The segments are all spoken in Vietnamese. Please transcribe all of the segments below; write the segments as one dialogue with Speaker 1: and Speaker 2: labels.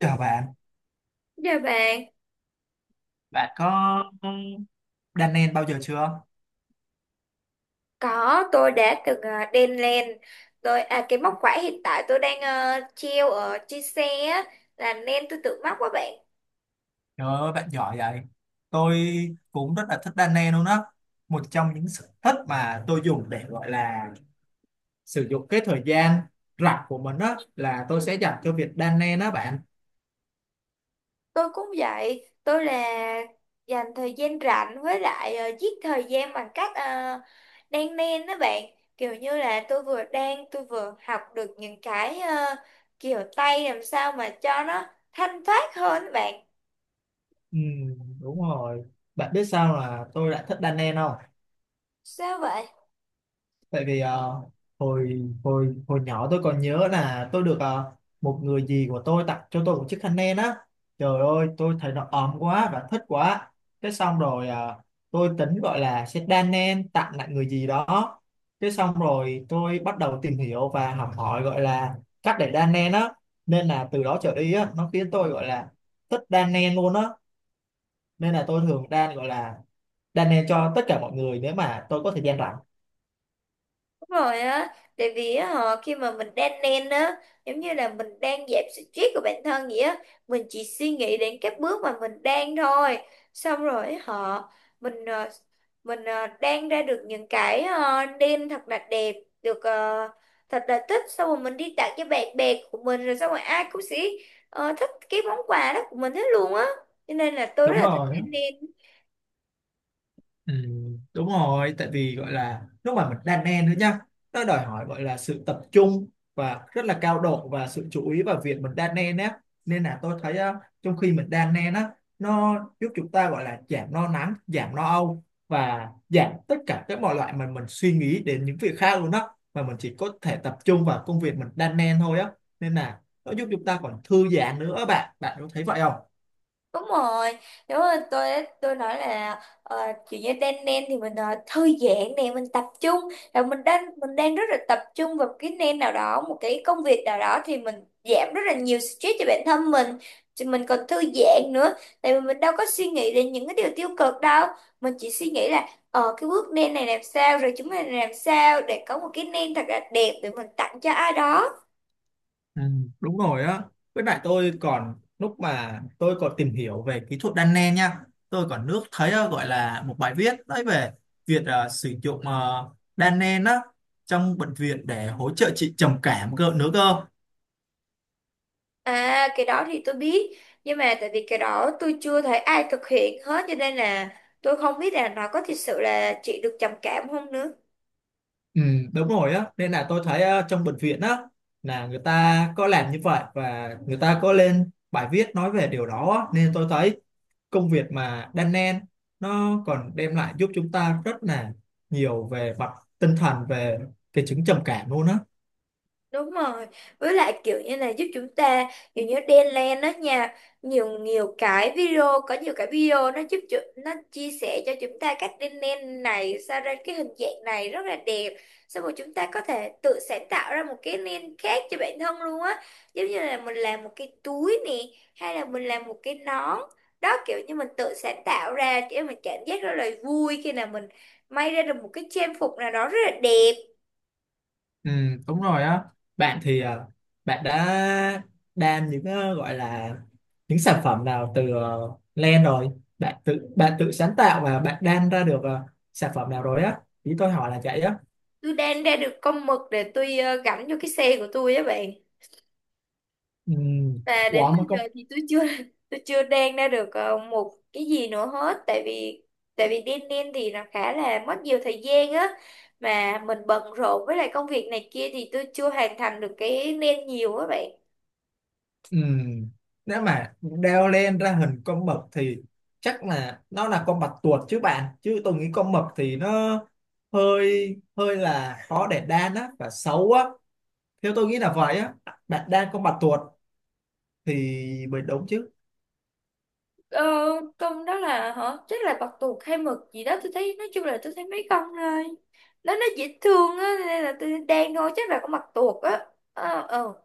Speaker 1: Chào bạn,
Speaker 2: Dạ bạn,
Speaker 1: bạn có đan nen bao giờ chưa?
Speaker 2: có tôi đã từng đen len tôi à cái móc khóa hiện tại tôi đang treo ở trên xe á, là nên tôi tự móc quá bạn.
Speaker 1: Trời ơi, bạn giỏi vậy. Tôi cũng rất là thích đan nen luôn đó. Một trong những sở thích mà tôi dùng để gọi là sử dụng cái thời gian rảnh của mình đó là tôi sẽ dành cho việc đan nen đó bạn.
Speaker 2: Tôi cũng vậy, tôi là dành thời gian rảnh với lại giết thời gian bằng cách đan len đó bạn. Kiểu như là tôi vừa đan tôi vừa học được những cái kiểu tay làm sao mà cho nó thanh thoát hơn á bạn.
Speaker 1: Ừ, đúng rồi. Bạn biết sao là tôi lại thích đan nen không?
Speaker 2: Sao vậy?
Speaker 1: Tại vì hồi hồi hồi nhỏ tôi còn nhớ là tôi được một người dì của tôi tặng cho tôi một chiếc khăn len á, trời ơi tôi thấy nó ấm quá và thích quá, cái xong rồi tôi tính gọi là sẽ đan len tặng lại người dì đó. Cái xong rồi tôi bắt đầu tìm hiểu và học hỏi gọi là cách để đan len á, nên là từ đó trở đi á nó khiến tôi gọi là thích đan len luôn á, nên là tôi thường đan gọi là đan len cho tất cả mọi người nếu mà tôi có thời gian rảnh.
Speaker 2: Đúng rồi á, tại vì á, họ khi mà mình đang lên á, giống như là mình đang giảm stress của bản thân vậy á, mình chỉ suy nghĩ đến các bước mà mình đang thôi. Xong rồi họ mình đang ra được những cái đêm thật là đẹp, được thật là thích, xong rồi mình đi tặng cho bạn bè của mình rồi xong rồi ai cũng sẽ thích cái món quà đó của mình hết luôn á. Cho nên là tôi rất
Speaker 1: Đúng
Speaker 2: là thích
Speaker 1: rồi.
Speaker 2: đêm.
Speaker 1: Ừ, đúng rồi, tại vì gọi là lúc mà mình đan men nữa nhá, nó đòi hỏi gọi là sự tập trung và rất là cao độ và sự chú ý vào việc mình đan nen á, nên là tôi thấy trong khi mình đan nen á nó giúp chúng ta gọi là giảm lo lắng, giảm lo âu và giảm tất cả các mọi loại mà mình suy nghĩ đến những việc khác luôn á, mà mình chỉ có thể tập trung vào công việc mình đan nen thôi á. Nên là nó giúp chúng ta còn thư giãn nữa, bạn bạn có thấy vậy không?
Speaker 2: Đúng rồi, đúng rồi, tôi nói là kiểu như đan nen thì mình thư giãn nè, mình tập trung là mình đang rất là tập trung vào cái nen nào đó, một cái công việc nào đó thì mình giảm rất là nhiều stress cho bản thân mình, thì mình còn thư giãn nữa, tại vì mình đâu có suy nghĩ đến những cái điều tiêu cực đâu, mình chỉ suy nghĩ là ờ cái bước nen này làm sao rồi chúng mình làm sao để có một cái nen thật là đẹp để mình tặng cho ai đó.
Speaker 1: Ừ, đúng rồi á, với lại tôi còn lúc mà tôi còn tìm hiểu về kỹ thuật đan len nha, tôi còn nước thấy gọi là một bài viết đấy về việc sử dụng đan len á trong bệnh viện để hỗ trợ trị trầm cảm cơ nữa cơ.
Speaker 2: À cái đó thì tôi biết. Nhưng mà tại vì cái đó tôi chưa thấy ai thực hiện hết, cho nên là tôi không biết là nó có thực sự là chị được trầm cảm không nữa.
Speaker 1: Ừ, đúng rồi á, nên là tôi thấy trong bệnh viện á là người ta có làm như vậy và người ta có lên bài viết nói về điều đó á. Nên tôi thấy công việc mà đan nen nó còn đem lại giúp chúng ta rất là nhiều về mặt tinh thần, về cái chứng trầm cảm luôn á.
Speaker 2: Đúng rồi, với lại kiểu như này giúp chúng ta kiểu như đan đó nha, nhiều nhiều cái video có nhiều cái video nó nó chia sẻ cho chúng ta cách đan len này sao ra cái hình dạng này rất là đẹp. Xong rồi chúng ta có thể tự sáng tạo ra một cái len khác cho bản thân luôn á. Giống như là mình làm một cái túi nè hay là mình làm một cái nón. Đó kiểu như mình tự sáng tạo ra để mình cảm giác rất là vui khi nào mình may ra được một cái trang phục nào đó rất là đẹp.
Speaker 1: Ừ, đúng rồi á, bạn thì à, bạn đã đan những gọi là những sản phẩm nào từ len rồi, bạn tự sáng tạo và bạn đan ra được sản phẩm nào rồi á, ý tôi hỏi là vậy á.
Speaker 2: Tôi đang ra được con mực để tôi gắn vô cái xe của tôi á bạn.
Speaker 1: Ừ,
Speaker 2: Và
Speaker 1: ủa
Speaker 2: đến bây
Speaker 1: mà
Speaker 2: giờ
Speaker 1: con.
Speaker 2: thì tôi chưa tôi chưa đang ra được một cái gì nữa hết, tại vì đen đen thì nó khá là mất nhiều thời gian á, mà mình bận rộn với lại công việc này kia thì tôi chưa hoàn thành được cái nên nhiều á bạn.
Speaker 1: Ừ, nếu mà đeo len ra hình con mực thì chắc là nó là con bạch tuộc chứ bạn, chứ tôi nghĩ con mực thì nó hơi hơi là khó để đan á và xấu á, theo tôi nghĩ là vậy á. Bạn đan con bạch tuộc thì mới đúng chứ.
Speaker 2: ờ, con đó là hả, chắc là bạch tuộc hay mực gì đó, tôi thấy nói chung là tôi thấy mấy con thôi, nó dễ thương á nên là tôi đang thôi, chắc là con bạch tuộc á. ờ ờ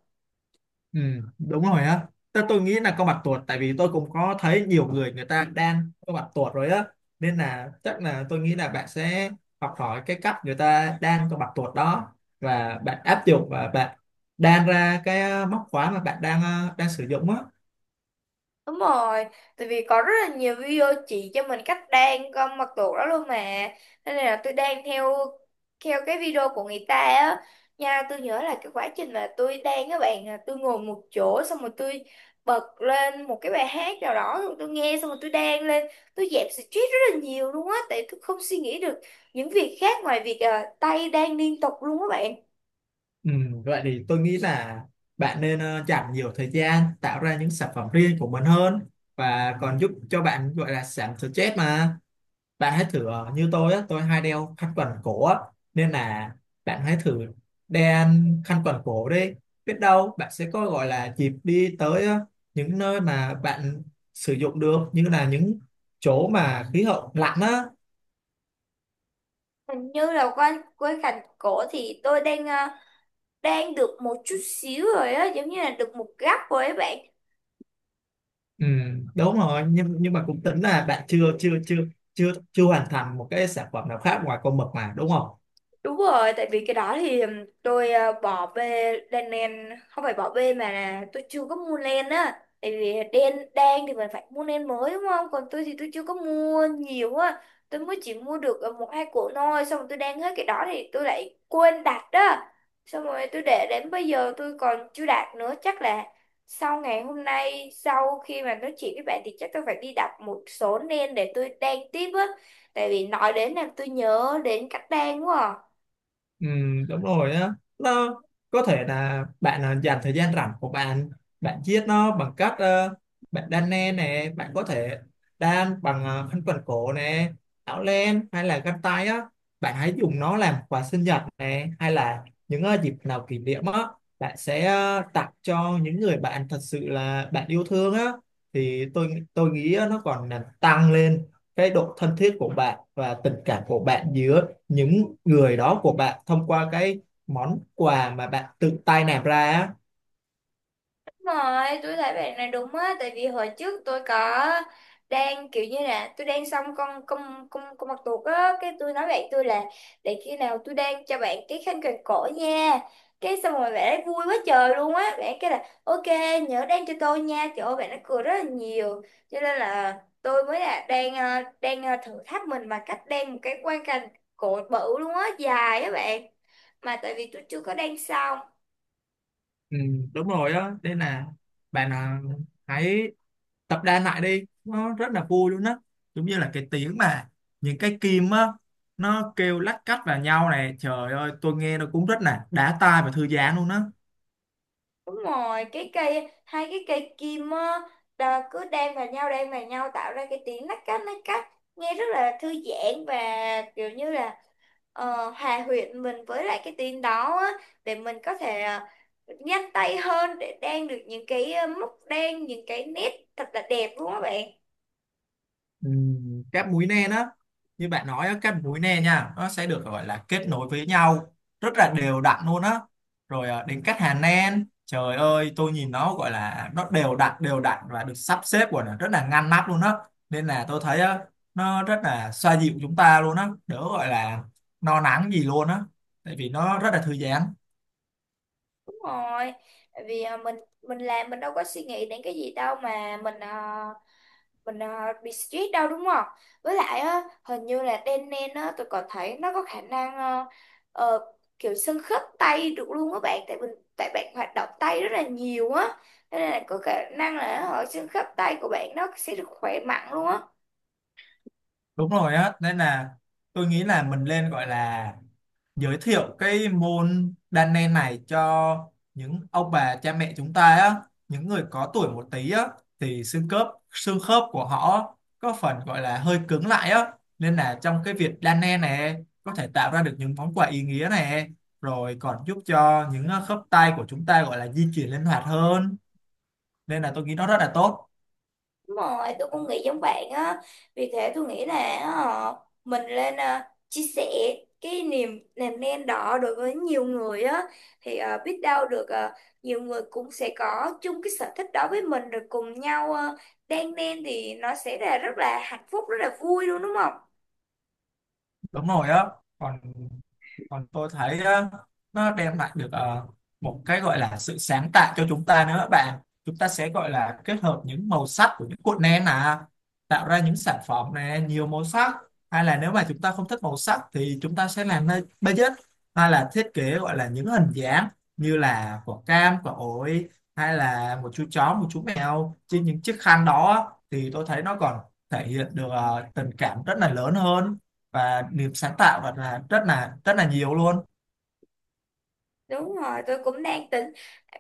Speaker 1: Ừ, đúng rồi á, tôi nghĩ là có mặt tuột, tại vì tôi cũng có thấy nhiều người, người ta đang có mặt tuột rồi á, nên là chắc là tôi nghĩ là bạn sẽ học hỏi cái cách người ta đang có mặt tuột đó và bạn áp dụng và bạn đan ra cái móc khóa mà bạn đang đang sử dụng á.
Speaker 2: Đúng rồi, tại vì có rất là nhiều video chỉ cho mình cách đan con mật tuộc đó luôn mà. Nên là tôi đan theo theo cái video của người ta á. Nha, tôi nhớ là cái quá trình mà tôi đan các bạn là tôi ngồi một chỗ xong rồi tôi bật lên một cái bài hát nào đó rồi tôi nghe xong rồi tôi đan lên, tôi dẹp stress rất là nhiều luôn á tại tôi không suy nghĩ được những việc khác ngoài việc tay đan liên tục luôn các bạn.
Speaker 1: Ừ, vậy thì tôi nghĩ là bạn nên dành nhiều thời gian tạo ra những sản phẩm riêng của mình hơn và còn giúp cho bạn gọi là giảm stress mà. Bạn hãy thử như tôi á, tôi hay đeo khăn quàng cổ á, nên là bạn hãy thử đeo khăn quàng cổ đi, biết đâu bạn sẽ có gọi là dịp đi tới những nơi mà bạn sử dụng được, như là những chỗ mà khí hậu lạnh á.
Speaker 2: Hình như là quanh quanh cành cổ thì tôi đang đang được một chút xíu rồi á, giống như là được một gắp rồi ấy bạn.
Speaker 1: Ừ, đúng rồi, nhưng mà cũng tính là bạn chưa chưa chưa chưa chưa hoàn thành một cái sản phẩm nào khác ngoài con mực mà đúng không?
Speaker 2: Đúng rồi, tại vì cái đó thì tôi bỏ về đèn nền, không phải bỏ về mà là tôi chưa có mua len á. Tại vì đen đen thì mình phải mua len mới đúng không? Còn tôi thì tôi chưa có mua nhiều á. Tôi mới chỉ mua được 1 2 cuộn thôi, xong rồi tôi đang hết cái đó thì tôi lại quên đặt đó. Xong rồi tôi để đến bây giờ tôi còn chưa đặt nữa, chắc là sau ngày hôm nay sau khi mà nói chuyện với bạn thì chắc tôi phải đi đặt một số len để tôi đan tiếp á. Tại vì nói đến làm tôi nhớ đến cách đan quá à.
Speaker 1: Ừ, đúng rồi á, nó có thể là bạn à, dành thời gian rảnh của bạn, bạn chiết nó bằng cách bạn đan len nè, bạn có thể đan bằng khăn quàng cổ nè, áo len hay là găng tay á. Bạn hãy dùng nó làm quà sinh nhật nè, hay là những dịp nào kỷ niệm á, bạn sẽ tặng cho những người bạn thật sự là bạn yêu thương á, thì tôi nghĩ nó còn làm tăng lên cái độ thân thiết của bạn và tình cảm của bạn giữa những người đó của bạn thông qua cái món quà mà bạn tự tay làm ra á.
Speaker 2: Đúng rồi tôi thấy bạn này đúng á, tại vì hồi trước tôi có đang kiểu như là tôi đang xong con mặt tuột á, cái tôi nói bạn tôi là để khi nào tôi đang cho bạn cái khăn quàng cổ nha. Cái xong rồi bạn ấy vui quá trời luôn á, bạn ấy kêu là ok, nhớ đang cho tôi nha, trời ơi bạn ấy cười rất là nhiều. Cho nên là tôi mới là đang thử thách mình bằng cách đang một cái quang cảnh cổ bự luôn á, dài á bạn, mà tại vì tôi chưa có đang xong.
Speaker 1: Ừ, đúng rồi á, nên là bạn à, hãy tập đan lại đi, nó rất là vui luôn á, giống như là cái tiếng mà những cái kim á nó kêu lách cách vào nhau này, trời ơi tôi nghe nó cũng rất là đã tai và thư giãn luôn á.
Speaker 2: Đúng rồi, cái cây hai cái cây kim á cứ đan vào nhau tạo ra cái tiếng lách cách lách cách, nghe rất là thư giãn và kiểu như là hòa quyện mình với lại cái tiếng đó á, để mình có thể nhanh tay hơn để đan được những cái móc đan những cái nét thật là đẹp luôn các bạn.
Speaker 1: Ừ, các múi nen á, như bạn nói á, các múi nen nha nó sẽ được gọi là kết nối với nhau rất là đều đặn luôn á. Rồi đến cắt hàng nen, trời ơi tôi nhìn nó gọi là nó đều đặn và được sắp xếp của nó rất là ngăn nắp luôn á, nên là tôi thấy á, nó rất là xoa dịu chúng ta luôn á, đỡ gọi là no nắng gì luôn á, tại vì nó rất là thư giãn.
Speaker 2: Đúng rồi, tại vì mình làm mình đâu có suy nghĩ đến cái gì đâu mà mình bị stress đâu đúng không? Với lại á, hình như là đen nen á, tôi còn thấy nó có khả năng ờ, kiểu xương khớp tay được luôn á bạn, tại mình tại bạn hoạt động tay rất là nhiều á, nên là có khả năng là ở xương khớp tay của bạn nó sẽ được khỏe mạnh luôn á.
Speaker 1: Đúng rồi á, nên là tôi nghĩ là mình nên gọi là giới thiệu cái môn đan nen này cho những ông bà cha mẹ chúng ta á, những người có tuổi một tí á, thì xương khớp của họ có phần gọi là hơi cứng lại á, nên là trong cái việc đan nen này có thể tạo ra được những món quà ý nghĩa này, rồi còn giúp cho những khớp tay của chúng ta gọi là di chuyển linh hoạt hơn, nên là tôi nghĩ nó rất là tốt.
Speaker 2: Đúng rồi, tôi cũng nghĩ giống bạn á. Vì thế tôi nghĩ là ờ, mình lên chia sẻ cái niềm làm nên đó đối với nhiều người á, thì biết đâu được nhiều người cũng sẽ có chung cái sở thích đó với mình rồi cùng nhau đan nên thì nó sẽ là rất là hạnh phúc, rất là vui luôn đúng không?
Speaker 1: Đúng rồi á, còn còn tôi thấy nó đem lại được một cái gọi là sự sáng tạo cho chúng ta nữa các bạn. Chúng ta sẽ gọi là kết hợp những màu sắc của những cuộn nén à, tạo ra những sản phẩm này nhiều màu sắc, hay là nếu mà chúng ta không thích màu sắc thì chúng ta sẽ làm nơi budget, hay là thiết kế gọi là những hình dáng như là quả cam, quả ổi, hay là một chú chó, một chú mèo trên những chiếc khăn đó, thì tôi thấy nó còn thể hiện được tình cảm rất là lớn hơn và được sáng tạo và là rất là nhiều luôn.
Speaker 2: Đúng rồi, tôi cũng đang tính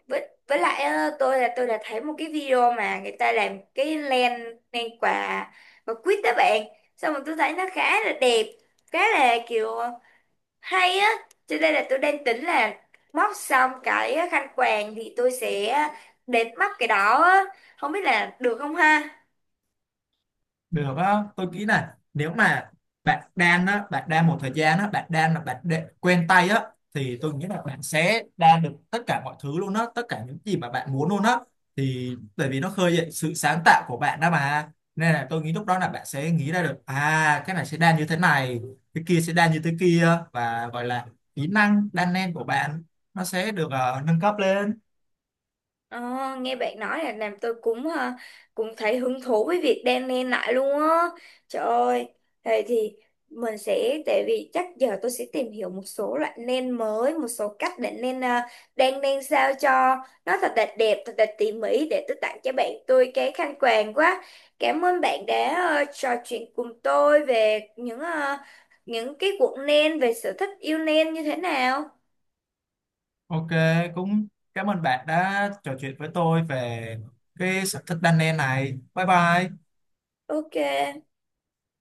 Speaker 2: với lại á, tôi đã thấy một cái video mà người ta làm cái len len quà và quýt đó bạn, xong rồi tôi thấy nó khá là đẹp, khá là kiểu hay á, cho nên là tôi đang tính là móc xong cái khăn quàng thì tôi sẽ đến móc cái đó á, không biết là được không ha.
Speaker 1: Được á, tôi nghĩ là nếu mà bạn đan á, bạn đan một thời gian á, bạn đan là bạn quen tay á, thì tôi nghĩ là bạn sẽ đan được tất cả mọi thứ luôn á, tất cả những gì mà bạn muốn luôn á, thì bởi vì nó khơi dậy sự sáng tạo của bạn đó mà, nên là tôi nghĩ lúc đó là bạn sẽ nghĩ ra được à cái này sẽ đan như thế này, cái kia sẽ đan như thế kia, và gọi là kỹ năng đan len của bạn nó sẽ được nâng cấp lên.
Speaker 2: Ờ, Nghe bạn nói là làm tôi cũng cũng thấy hứng thú với việc đan len lại luôn á. Trời ơi, thế thì mình sẽ tại vì chắc giờ tôi sẽ tìm hiểu một số loại len mới, một số cách để len đan len sao cho nó thật là đẹp, thật là tỉ mỉ để tôi tặng cho bạn tôi cái khăn quàng quá. Cảm ơn bạn đã trò chuyện cùng tôi về những những cái cuộn len về sở thích yêu len như thế nào.
Speaker 1: Ok, cũng cảm ơn bạn đã trò chuyện với tôi về cái sở thích đan len này. Bye bye.
Speaker 2: Ok.